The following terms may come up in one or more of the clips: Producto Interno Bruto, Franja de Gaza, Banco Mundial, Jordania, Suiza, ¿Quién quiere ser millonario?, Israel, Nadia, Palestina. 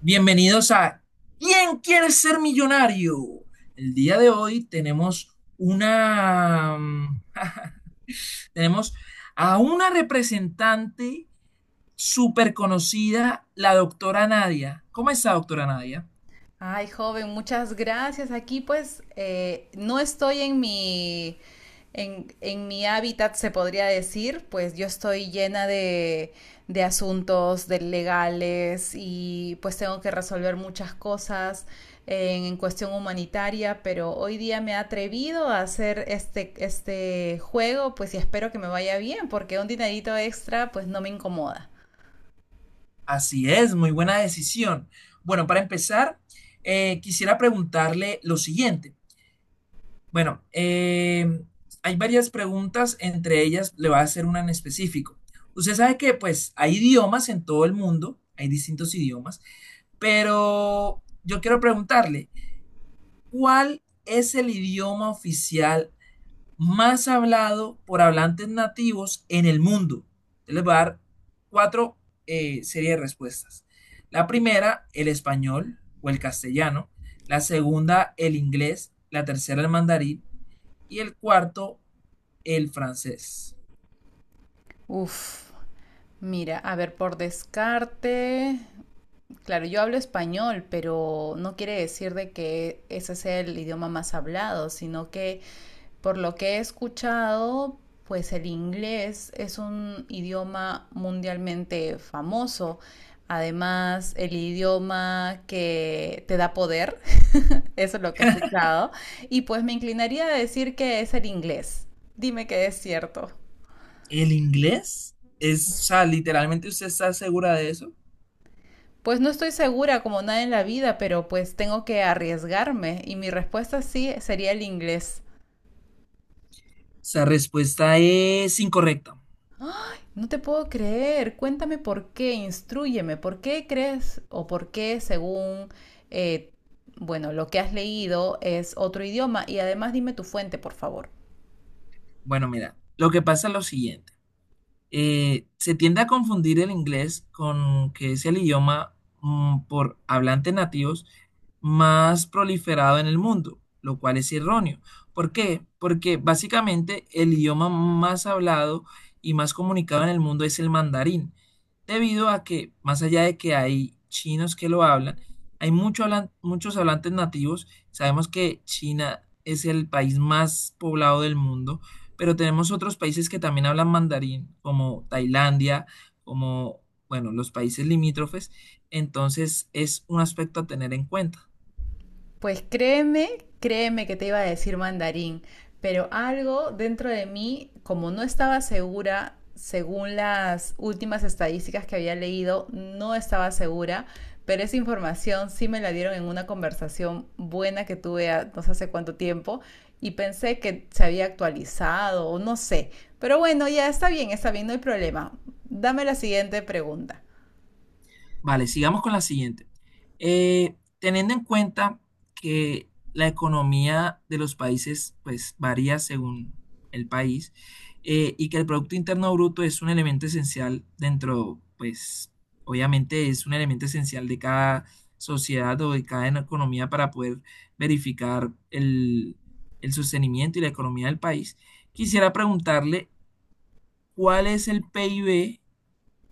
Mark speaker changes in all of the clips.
Speaker 1: Bienvenidos a ¿Quién quiere ser millonario? El día de hoy tenemos una tenemos a una representante súper conocida, la doctora Nadia. ¿Cómo está, doctora Nadia?
Speaker 2: Ay, joven, muchas gracias. Aquí pues no estoy en mi, en mi hábitat, se podría decir, pues yo estoy llena de asuntos de legales y pues tengo que resolver muchas cosas en cuestión humanitaria, pero hoy día me he atrevido a hacer este juego, pues y espero que me vaya bien, porque un dinerito extra pues no me incomoda.
Speaker 1: Así es, muy buena decisión. Bueno, para empezar, quisiera preguntarle lo siguiente. Bueno, hay varias preguntas, entre ellas le voy a hacer una en específico. Usted sabe que pues hay idiomas en todo el mundo, hay distintos idiomas, pero yo quiero preguntarle, ¿cuál es el idioma oficial más hablado por hablantes nativos en el mundo? Yo les voy a dar cuatro series de respuestas. La primera, el español o el castellano. La segunda, el inglés. La tercera, el mandarín y el cuarto, el francés.
Speaker 2: Uf, mira, a ver, por descarte, claro, yo hablo español, pero no quiere decir de que ese sea el idioma más hablado, sino que por lo que he escuchado, pues el inglés es un idioma mundialmente famoso. Además, el idioma que te da poder, eso es lo que he escuchado. Y pues me inclinaría a decir que es el inglés. Dime que es cierto.
Speaker 1: ¿El inglés? Es, o sea, literalmente usted está segura de eso. O
Speaker 2: Pues no estoy segura como nada en la vida, pero pues tengo que arriesgarme y mi respuesta sí sería el inglés.
Speaker 1: sea, respuesta es incorrecta.
Speaker 2: No te puedo creer, cuéntame por qué. Instrúyeme por qué crees o por qué según, eh, bueno, lo que has leído es otro idioma y además dime tu fuente, por favor.
Speaker 1: Bueno, mira, lo que pasa es lo siguiente. Se tiende a confundir el inglés con que es el idioma por hablantes nativos más proliferado en el mundo, lo cual es erróneo. ¿Por qué? Porque básicamente el idioma más hablado y más comunicado en el mundo es el mandarín, debido a que, más allá de que hay chinos que lo hablan, hay mucho muchos hablantes nativos. Sabemos que China es el país más poblado del mundo, pero tenemos otros países que también hablan mandarín, como Tailandia, como, bueno, los países limítrofes, entonces es un aspecto a tener en cuenta.
Speaker 2: Pues créeme, créeme que te iba a decir mandarín, pero algo dentro de mí, como no estaba segura, según las últimas estadísticas que había leído, no estaba segura, pero esa información sí me la dieron en una conversación buena que tuve no sé hace cuánto tiempo y pensé que se había actualizado o no sé. Pero bueno, ya está bien, no hay problema. Dame la siguiente pregunta.
Speaker 1: Vale, sigamos con la siguiente. Teniendo en cuenta que la economía de los países pues varía según el país y que el Producto Interno Bruto es un elemento esencial dentro, pues obviamente es un elemento esencial de cada sociedad o de cada economía para poder verificar el sostenimiento y la economía del país, quisiera preguntarle cuál es el PIB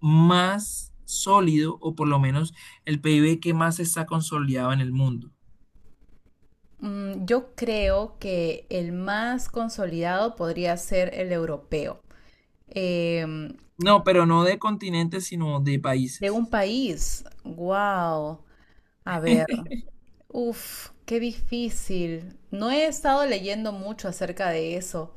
Speaker 1: más sólido o por lo menos el PIB que más está consolidado en el mundo.
Speaker 2: Mm, yo creo que el más consolidado podría ser el europeo. Em,
Speaker 1: No, pero no de continentes, sino de
Speaker 2: de
Speaker 1: países.
Speaker 2: un país. Wow. A ver. Uf, qué difícil. No he estado leyendo mucho acerca de eso.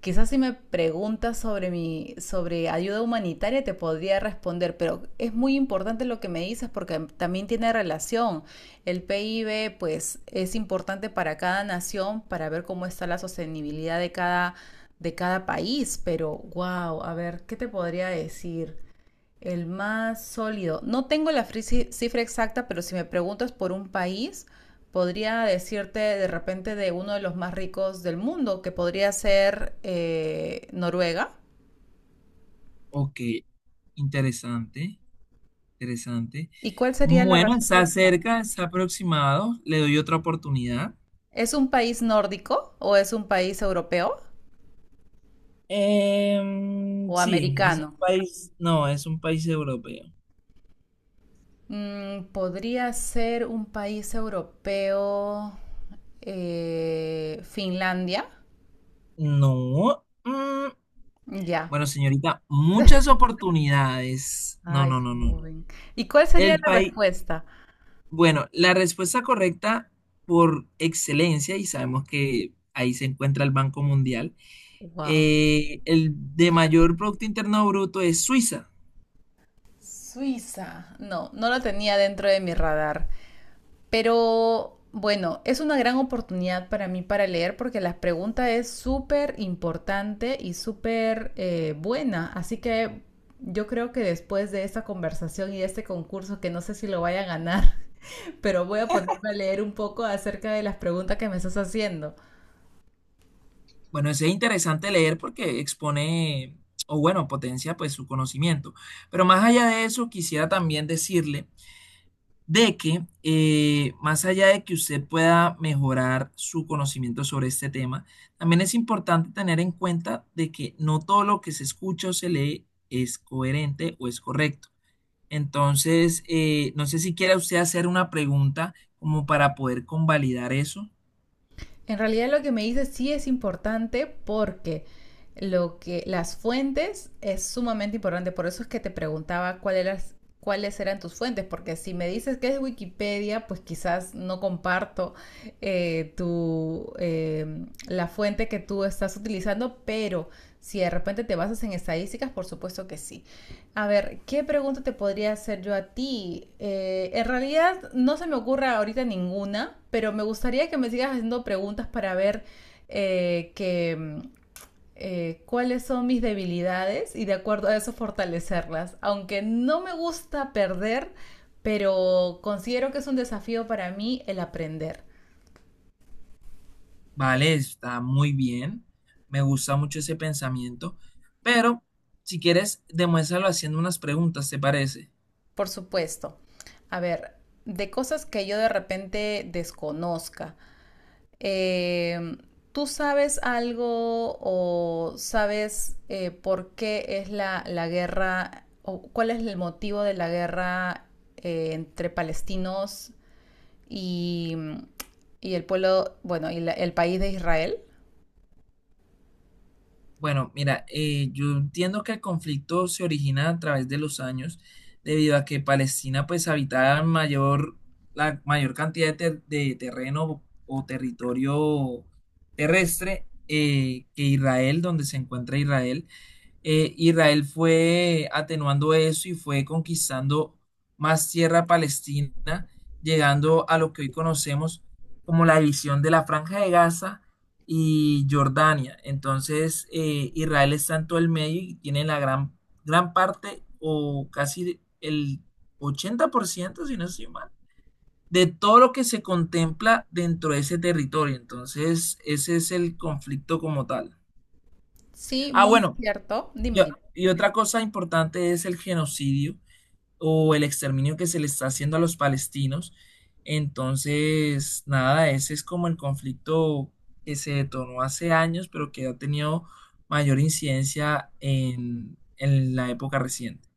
Speaker 2: Quizás si me preguntas sobre mi, sobre ayuda humanitaria te podría responder, pero es muy importante lo que me dices porque también tiene relación. El PIB, pues, es importante para cada nación para ver cómo está la sostenibilidad de cada país, pero wow, a ver, ¿qué te podría decir? El más sólido. No tengo la cifra exacta, pero si me preguntas por un país, podría decirte de repente de uno de los más ricos del mundo, que podría ser Noruega.
Speaker 1: Ok, interesante, interesante.
Speaker 2: ¿Y cuál sería la
Speaker 1: Bueno, está
Speaker 2: respuesta?
Speaker 1: cerca, está aproximado. Le doy otra oportunidad.
Speaker 2: ¿Es un país nórdico o es un país europeo o
Speaker 1: Sí, es un
Speaker 2: americano?
Speaker 1: país, no, es un país europeo.
Speaker 2: Mm, podría ser un país europeo, Finlandia.
Speaker 1: No.
Speaker 2: Ya.
Speaker 1: Bueno, señorita, muchas oportunidades. No,
Speaker 2: Ay,
Speaker 1: no, no, no.
Speaker 2: joven. ¿Y cuál sería
Speaker 1: El
Speaker 2: la
Speaker 1: país,
Speaker 2: respuesta?
Speaker 1: bueno, la respuesta correcta por excelencia, y sabemos que ahí se encuentra el Banco Mundial,
Speaker 2: Wow.
Speaker 1: el de
Speaker 2: Inglaterra.
Speaker 1: mayor Producto Interno Bruto es Suiza.
Speaker 2: Suiza. No, no lo tenía dentro de mi radar. Pero bueno, es una gran oportunidad para mí para leer porque la pregunta es súper importante y súper buena. Así que yo creo que después de esta conversación y de este concurso, que no sé si lo vaya a ganar, pero voy a ponerme a leer un poco acerca de las preguntas que me estás haciendo.
Speaker 1: Bueno, eso es interesante leer porque expone, o bueno, potencia pues su conocimiento. Pero más allá de eso, quisiera también decirle de que más allá de que usted pueda mejorar su conocimiento sobre este tema, también es importante tener en cuenta de que no todo lo que se escucha o se lee es coherente o es correcto. Entonces, no sé si quiera usted hacer una pregunta como para poder convalidar eso.
Speaker 2: En realidad lo que me dices sí es importante porque lo que las fuentes es sumamente importante, por eso es que te preguntaba cuál eras, cuáles eran tus fuentes, porque si me dices que es Wikipedia, pues quizás no comparto la fuente que tú estás utilizando, pero si de repente te basas en estadísticas, por supuesto que sí. A ver, ¿qué pregunta te podría hacer yo a ti? En realidad no se me ocurre ahorita ninguna, pero me gustaría que me sigas haciendo preguntas para ver eh, que, mm, cuáles son mis debilidades y de acuerdo a eso fortalecerlas. Aunque no me gusta perder, pero considero que es un desafío para mí el aprender.
Speaker 1: Vale, está muy bien. Me gusta mucho ese pensamiento. Pero, si quieres, demuéstralo haciendo unas preguntas, ¿te parece?
Speaker 2: Por supuesto. A ver, de cosas que yo de repente desconozca. Eh, ¿Tú sabes algo o sabes por qué es la guerra o cuál es el motivo de la guerra entre palestinos y, y el pueblo, bueno, el país de Israel?
Speaker 1: Bueno, mira, yo entiendo que el conflicto se origina a través de los años, debido a que Palestina pues habitaba mayor, la mayor cantidad de, de terreno o territorio terrestre que Israel, donde se encuentra Israel. Israel fue atenuando eso y fue conquistando más tierra palestina, llegando a lo que hoy conocemos como la división de la Franja de Gaza y Jordania. Entonces, Israel está en todo el medio y tiene la gran, gran parte o casi el 80% si no estoy mal, de todo lo que se contempla dentro de ese territorio. Entonces, ese es el conflicto como tal.
Speaker 2: Sí,
Speaker 1: Ah,
Speaker 2: muy
Speaker 1: bueno,
Speaker 2: cierto. Dime,
Speaker 1: yo-
Speaker 2: dime.
Speaker 1: y otra cosa importante es el genocidio o el exterminio que se le está haciendo a los palestinos. Entonces, nada, ese es como el conflicto que se detonó hace años, pero que ha tenido mayor incidencia en la época reciente.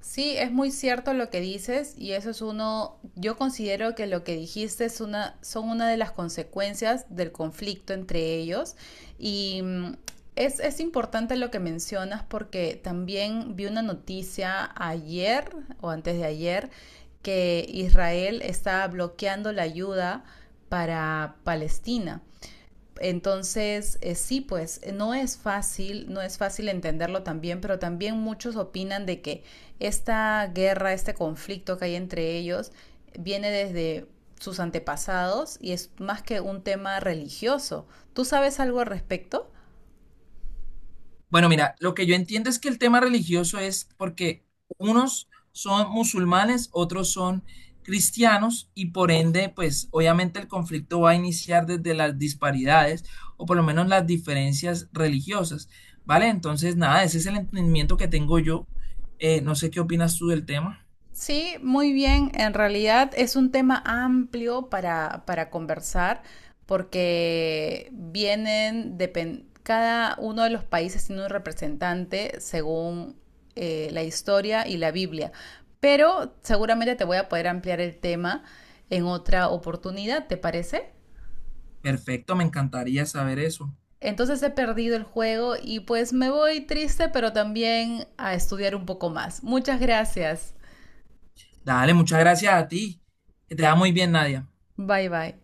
Speaker 2: Sí, es muy cierto lo que dices y eso es uno, yo considero que lo que dijiste es una, son una de las consecuencias del conflicto entre ellos y es importante lo que mencionas porque también vi una noticia ayer o antes de ayer que Israel está bloqueando la ayuda para Palestina. Entonces, sí, pues no es fácil, no es fácil entenderlo también, pero también muchos opinan de que esta guerra, este conflicto que hay entre ellos, viene desde sus antepasados y es más que un tema religioso. ¿Tú sabes algo al respecto?
Speaker 1: Bueno, mira, lo que yo entiendo es que el tema religioso es porque unos son musulmanes, otros son cristianos y por ende, pues obviamente el conflicto va a iniciar desde las disparidades o por lo menos las diferencias religiosas, ¿vale? Entonces, nada, ese es el entendimiento que tengo yo. No sé qué opinas tú del tema.
Speaker 2: Sí, muy bien. En realidad es un tema amplio para conversar porque vienen, cada uno de los países tiene un representante según la historia y la Biblia. Pero seguramente te voy a poder ampliar el tema en otra oportunidad, ¿te parece?
Speaker 1: Perfecto, me encantaría saber eso.
Speaker 2: Entonces he perdido el juego y pues me voy triste, pero también a estudiar un poco más. Muchas gracias.
Speaker 1: Dale, muchas gracias a ti. Que te va muy bien, Nadia.
Speaker 2: Bye bye.